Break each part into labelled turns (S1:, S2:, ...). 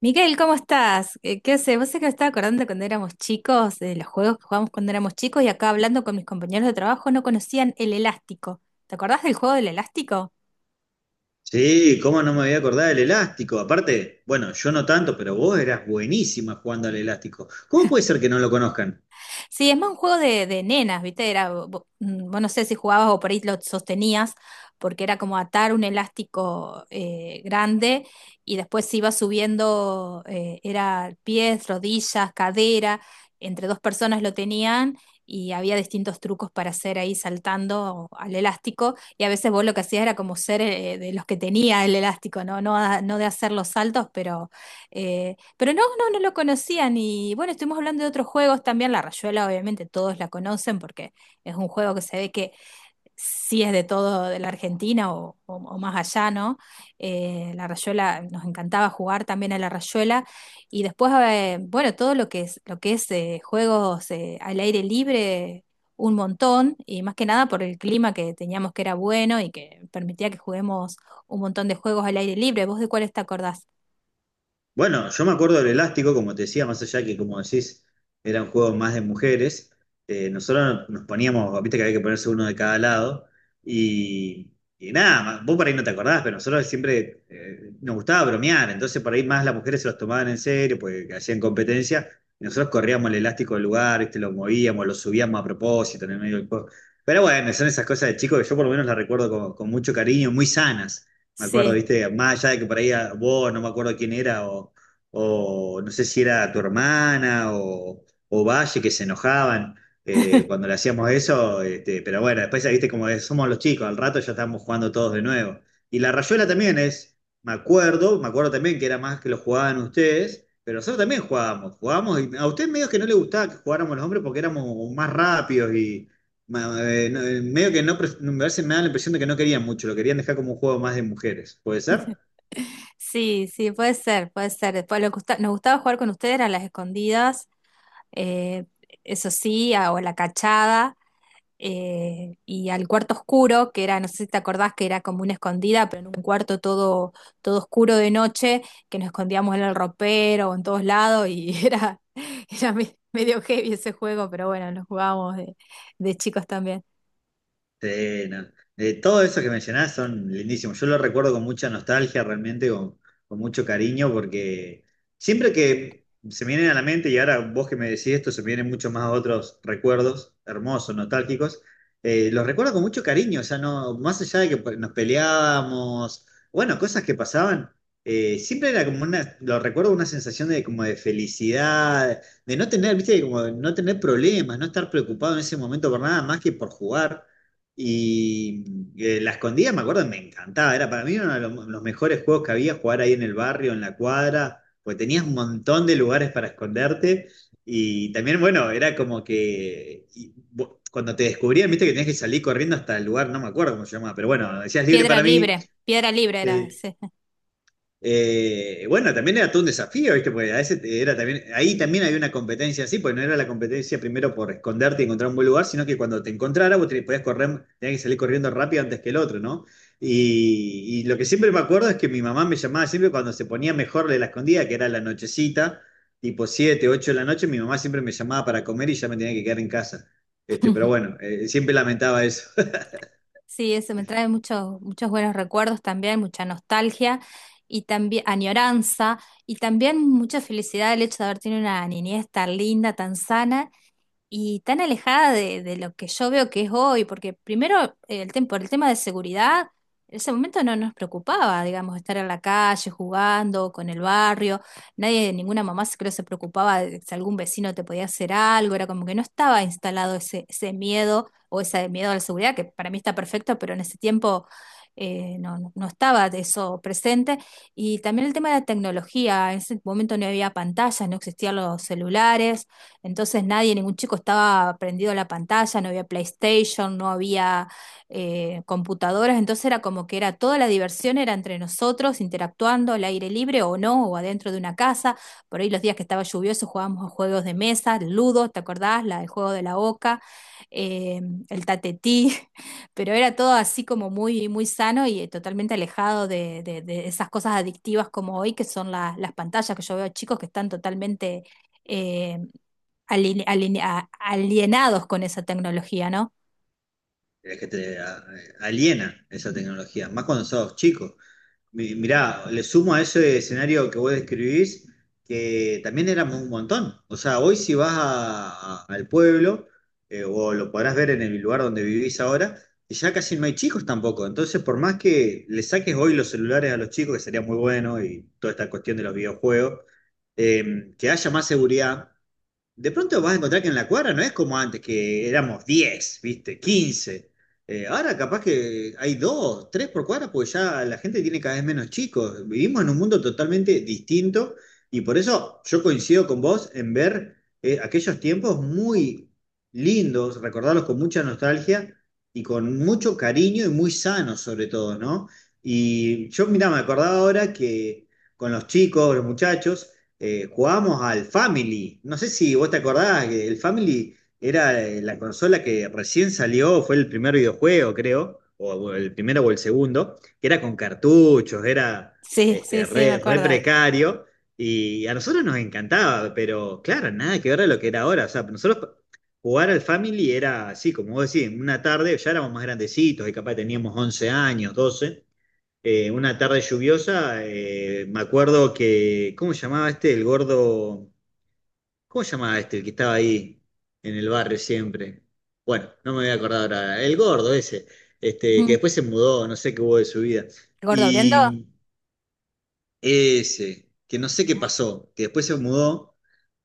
S1: Miguel, ¿cómo estás? ¿Qué haces? Vos sé que me estaba acordando cuando éramos chicos, de los juegos que jugábamos cuando éramos chicos y acá hablando con mis compañeros de trabajo no conocían el elástico. ¿Te acordás del juego del elástico?
S2: Sí, cómo no me había acordado del elástico. Aparte, bueno, yo no tanto, pero vos eras buenísima jugando al elástico. ¿Cómo puede ser que no lo conozcan?
S1: Sí, es más un juego de nenas, ¿viste? Era, vos no sé si jugabas o por ahí lo sostenías, porque era como atar un elástico grande y después se iba subiendo, era pies, rodillas, cadera, entre dos personas lo tenían y había distintos trucos para hacer ahí saltando al elástico y a veces vos lo que hacías era como ser de los que tenía el elástico, ¿no? No, no de hacer los saltos, pero no, no, no lo conocían y bueno, estuvimos hablando de otros juegos también. La Rayuela obviamente todos la conocen porque es un juego que se ve que sí es de todo de la Argentina o más allá, ¿no? La Rayuela, nos encantaba jugar también a la Rayuela y después, bueno, todo lo que es juegos al aire libre, un montón y más que nada por el clima que teníamos que era bueno y que permitía que juguemos un montón de juegos al aire libre. ¿Vos de cuáles te acordás?
S2: Bueno, yo me acuerdo del elástico, como te decía, más allá que, como decís, era un juego más de mujeres. Nosotros no, nos poníamos, viste que había que ponerse uno de cada lado. Y, y nada, vos por ahí no te acordás, pero nosotros siempre nos gustaba bromear. Entonces, por ahí más las mujeres se los tomaban en serio, porque hacían competencia. Y nosotros corríamos el elástico del lugar, viste, lo movíamos, lo subíamos a propósito en el medio del juego. Pero bueno, son esas cosas de chicos que yo por lo menos las recuerdo con mucho cariño, muy sanas. Me acuerdo, viste, más allá de que por ahí vos, no me acuerdo quién era, o no sé si era tu hermana o Valle, que se enojaban cuando le hacíamos eso, este, pero bueno, después, viste, como es, somos los chicos, al rato ya estamos jugando todos de nuevo. Y la rayuela también es, me acuerdo también que era más que lo jugaban ustedes, pero nosotros también jugábamos, y a usted medio que no le gustaba que jugáramos los hombres porque éramos más rápidos y medio que no, me da la impresión de que no querían mucho, lo querían dejar como un juego más de mujeres. ¿Puede ser?
S1: Sí, sí, puede ser, puede ser. Después lo que nos gustaba jugar con ustedes eran las escondidas, eh, eso sí, o la cachada, y al cuarto oscuro, que era, no sé si te acordás que era como una escondida, pero en un cuarto todo oscuro de noche, que nos escondíamos en el ropero o en todos lados, y era medio heavy ese juego, pero bueno, lo jugábamos de chicos también.
S2: Sí, no. Todo eso que mencionás son lindísimos. Yo lo recuerdo con mucha nostalgia, realmente, con mucho cariño, porque siempre que se me vienen a la mente, y ahora vos que me decís esto, se me vienen muchos más otros recuerdos hermosos, nostálgicos, los recuerdo con mucho cariño, o sea, no, más allá de que pues, nos peleábamos, bueno, cosas que pasaban, siempre era como una, lo recuerdo una sensación de como de felicidad, de no tener, viste, como de no tener problemas, no estar preocupado en ese momento por nada más que por jugar. Y la escondida, me acuerdo, me encantaba. Era para mí uno de los mejores juegos que había, jugar ahí en el barrio, en la cuadra, porque tenías un montón de lugares para esconderte. Y también, bueno, era como que cuando te descubrían, viste que tenías que salir corriendo hasta el lugar, no me acuerdo cómo se llamaba, pero bueno, decías libre para mí,
S1: Piedra libre era
S2: te,
S1: ese.
S2: bueno, también era todo un desafío, ¿viste? Porque a veces era también, ahí también había una competencia así, porque no era la competencia primero por esconderte y encontrar un buen lugar, sino que cuando te encontrara vos te podías correr, tenías que salir corriendo rápido antes que el otro, ¿no? Y lo que siempre me acuerdo es que mi mamá me llamaba siempre cuando se ponía mejor de la escondida, que era la nochecita, tipo 7 8 de la noche, mi mamá siempre me llamaba para comer y ya me tenía que quedar en casa. Este, pero bueno, siempre lamentaba eso.
S1: Sí, eso me trae muchos, muchos buenos recuerdos también, mucha nostalgia y también añoranza y también mucha felicidad el hecho de haber tenido una niñez tan linda, tan sana y tan alejada de lo que yo veo que es hoy, porque primero el por el tema de seguridad, en ese momento no nos preocupaba, digamos, estar en la calle jugando con el barrio, nadie, ninguna mamá creo se preocupaba de si algún vecino te podía hacer algo, era como que no estaba instalado ese miedo o ese miedo a la seguridad, que para mí está perfecto, pero en ese tiempo... no, no estaba eso presente. Y también el tema de la tecnología. En ese momento no había pantallas, no existían los celulares. Entonces nadie, ningún chico estaba prendido a la pantalla, no había PlayStation, no había computadoras, entonces era como que era toda la diversión era entre nosotros, interactuando al aire libre o no, o adentro de una casa. Por ahí los días que estaba lluvioso jugábamos a juegos de mesa, ludo, ¿te acordás? El juego de la oca, eh, el tatetí, pero era todo así como muy, muy sano y totalmente alejado de esas cosas adictivas como hoy, que son las pantallas que yo veo chicos que están totalmente... eh, aline- aline- a- alienados con esa tecnología, ¿no?
S2: Es que aliena esa tecnología, más cuando sos chico. Mirá, le sumo a ese escenario que vos describís, que también éramos un montón. O sea, hoy si al pueblo, o lo podrás ver en el lugar donde vivís ahora, ya casi no hay chicos tampoco. Entonces, por más que le saques hoy los celulares a los chicos, que sería muy bueno, y toda esta cuestión de los videojuegos, que haya más seguridad, de pronto vas a encontrar que en la cuadra no es como antes, que éramos 10, ¿viste? Quince. Ahora capaz que hay dos, tres por cuadra, porque ya la gente tiene cada vez menos chicos. Vivimos en un mundo totalmente distinto y por eso yo coincido con vos en ver aquellos tiempos muy lindos, recordarlos con mucha nostalgia y con mucho cariño y muy sanos sobre todo, ¿no? Y yo, mira, me acordaba ahora que con los chicos, los muchachos, jugábamos al Family. No sé si vos te acordás que el Family era la consola que recién salió, fue el primer videojuego, creo, o el primero o el segundo, que era con cartuchos, era
S1: Sí, sí,
S2: este,
S1: sí, me
S2: re
S1: acuerdo.
S2: precario. Y a nosotros nos encantaba, pero claro, nada que ver a lo que era ahora. O sea, nosotros jugar al Family era así, como vos decís, en una tarde ya éramos más grandecitos y capaz teníamos 11 años, 12 una tarde lluviosa, me acuerdo que, ¿cómo se llamaba este? El gordo, ¿cómo se llamaba este? El que estaba ahí en el barrio siempre. Bueno, no me voy a acordar ahora. El gordo ese, este, que
S1: Ujú.
S2: después se mudó, no sé qué hubo de su vida.
S1: ¿Gordo Briendo?
S2: Y ese, que no sé qué pasó, que después se mudó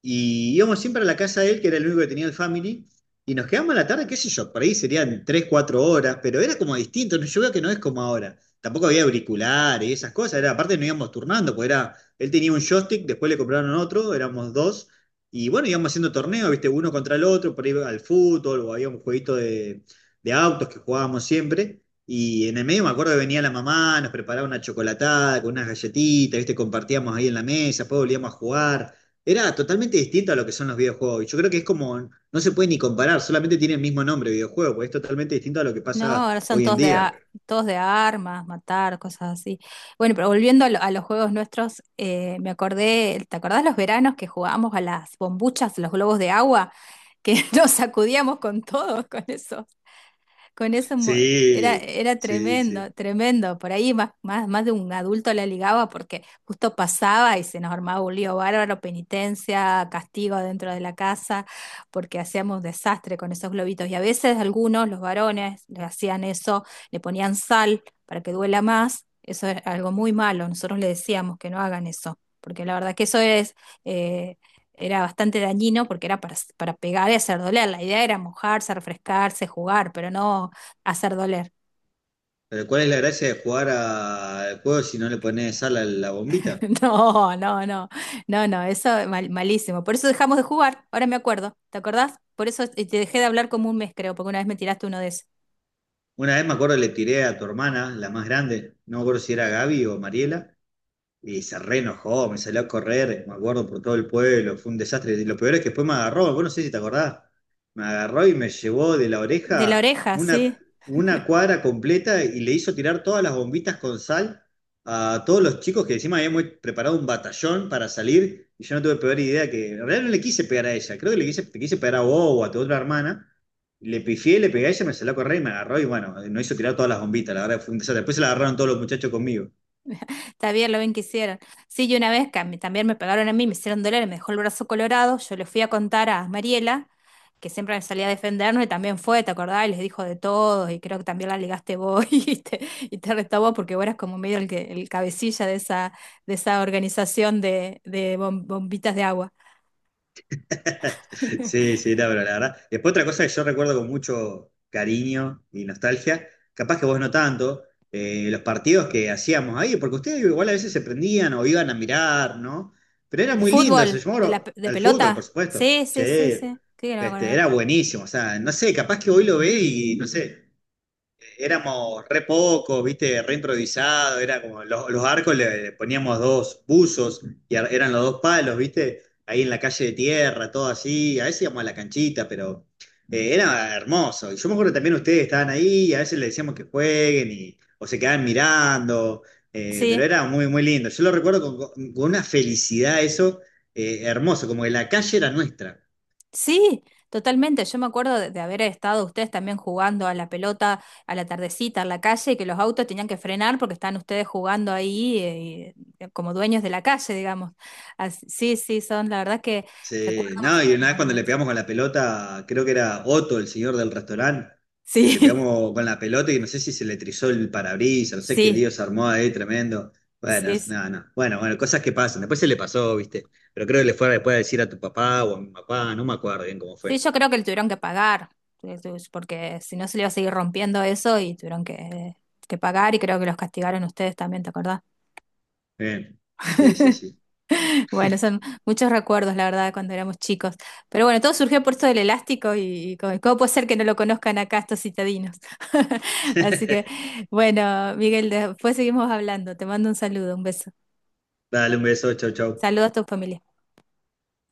S2: y íbamos siempre a la casa de él, que era el único que tenía el family, y nos quedamos a la tarde, qué sé yo, por ahí serían 3 4 horas, pero era como distinto, ¿no? Yo veo que no es como ahora. Tampoco había auriculares y esas cosas, era, aparte nos íbamos turnando, porque era, él tenía un joystick, después le compraron otro, éramos dos, y bueno, íbamos haciendo torneos, viste, uno contra el otro, por ahí al fútbol, o había un jueguito de autos que jugábamos siempre. Y en el medio me acuerdo que venía la mamá, nos preparaba una chocolatada con unas galletitas, ¿viste? Compartíamos ahí en la mesa, después volvíamos a jugar. Era totalmente distinto a lo que son los videojuegos. Y yo creo que es como, no se puede ni comparar, solamente tiene el mismo nombre, videojuego, porque es totalmente distinto a lo que
S1: No,
S2: pasa
S1: ahora son
S2: hoy en
S1: todos
S2: día.
S1: todos de armas, matar, cosas así. Bueno, pero volviendo a los juegos nuestros, me acordé, ¿te acordás los veranos que jugábamos a las bombuchas, los globos de agua, que nos sacudíamos con todo, con eso? con eso mo-
S2: Sí,
S1: Era
S2: sí,
S1: tremendo,
S2: sí.
S1: tremendo. Por ahí más de un adulto la ligaba porque justo pasaba y se nos armaba un lío bárbaro, penitencia, castigo dentro de la casa, porque hacíamos un desastre con esos globitos. Y a veces algunos, los varones, le hacían eso, le ponían sal para que duela más. Eso es algo muy malo. Nosotros le decíamos que no hagan eso, porque la verdad que eso es... eh, era bastante dañino porque era para pegar y hacer doler. La idea era mojarse, refrescarse, jugar, pero no hacer doler.
S2: Pero ¿cuál es la gracia de jugar al juego si no le pones sal a la bombita?
S1: No, no, no, no, no, eso malísimo. Por eso dejamos de jugar, ahora me acuerdo, ¿te acordás? Por eso te dejé de hablar como un mes, creo, porque una vez me tiraste uno de esos.
S2: Una vez me acuerdo le tiré a tu hermana, la más grande, no me acuerdo si era Gaby o Mariela. Y se re enojó, me salió a correr, me acuerdo, por todo el pueblo, fue un desastre. Y lo peor es que después me agarró, vos no sé si te acordás, me agarró y me llevó de la
S1: De la
S2: oreja
S1: oreja, sí.
S2: una cuadra completa y le hizo tirar todas las bombitas con sal a todos los chicos que encima habíamos preparado un batallón para salir y yo no tuve peor idea que, en realidad no le quise pegar a ella, creo que le quise pegar a vos o a tu otra hermana. Le pifié, le pegué a ella, me salió a correr y me agarró y bueno, no hizo tirar todas las bombitas, la verdad fue un desastre. Después se la agarraron todos los muchachos conmigo.
S1: Está bien lo bien que hicieron. Sí, y una vez que a mí también me pegaron a mí, me hicieron doler, me dejó el brazo colorado, yo le fui a contar a Mariela, que siempre me salía a defendernos, y también fue, ¿te acordás? Y les dijo de todo, y creo que también la ligaste vos y te retó vos, porque vos eras como medio el cabecilla de esa organización de bombitas de agua.
S2: Sí, sí, no, pero la verdad. Después otra cosa que yo recuerdo con mucho cariño y nostalgia, capaz que vos no tanto, los partidos que hacíamos ahí, porque ustedes igual a veces se prendían o iban a mirar, ¿no? Pero era
S1: ¿De
S2: muy lindo eso,
S1: fútbol?
S2: yo me
S1: ¿De
S2: acuerdo,
S1: de
S2: el fútbol, por
S1: pelota?
S2: supuesto.
S1: Sí, sí, sí, sí.
S2: Che,
S1: Sí, que no me
S2: este,
S1: acuerdo.
S2: era buenísimo, o sea, no sé, capaz que hoy lo ve y no sé, éramos re pocos, viste, re improvisado, era como los arcos le poníamos dos buzos y eran los dos palos, viste, ahí en la calle de tierra, todo así, a veces íbamos a la canchita, pero era hermoso. Y yo me acuerdo también ustedes estaban ahí y a veces les decíamos que jueguen y, o se quedaban mirando, pero
S1: Sí.
S2: era muy, muy lindo. Yo lo recuerdo con una felicidad eso, hermoso, como que la calle era nuestra.
S1: Sí, totalmente. Yo me acuerdo de haber estado ustedes también jugando a la pelota a la tardecita en la calle y que los autos tenían que frenar porque estaban ustedes jugando ahí como dueños de la calle, digamos. Sí, sí, son la verdad que
S2: Sí,
S1: recuerdos
S2: no, y una vez cuando le
S1: memorables.
S2: pegamos con la pelota, creo que era Otto, el señor del restaurante, que le
S1: Sí,
S2: pegamos con la pelota y no sé si se le trizó el parabrisas, no sé qué lío
S1: sí,
S2: se armó ahí, tremendo. Bueno,
S1: sí. Sí,
S2: no, no. Bueno, bueno, cosas que pasan. Después se le pasó, ¿viste? Pero creo que le fue después a decir a tu papá o a mi papá, no me acuerdo bien cómo
S1: sí,
S2: fue.
S1: yo creo que le tuvieron que pagar porque si no se le iba a seguir rompiendo eso y tuvieron que pagar y creo que los castigaron ustedes también, ¿te acordás?
S2: Bien. Sí, sí, sí.
S1: Bueno, son muchos recuerdos, la verdad, cuando éramos chicos. Pero bueno, todo surgió por esto del elástico y cómo puede ser que no lo conozcan acá estos citadinos. Así que, bueno, Miguel, después seguimos hablando. Te mando un saludo, un beso.
S2: Dale un beso, chau, chau.
S1: Saludos a tu familia.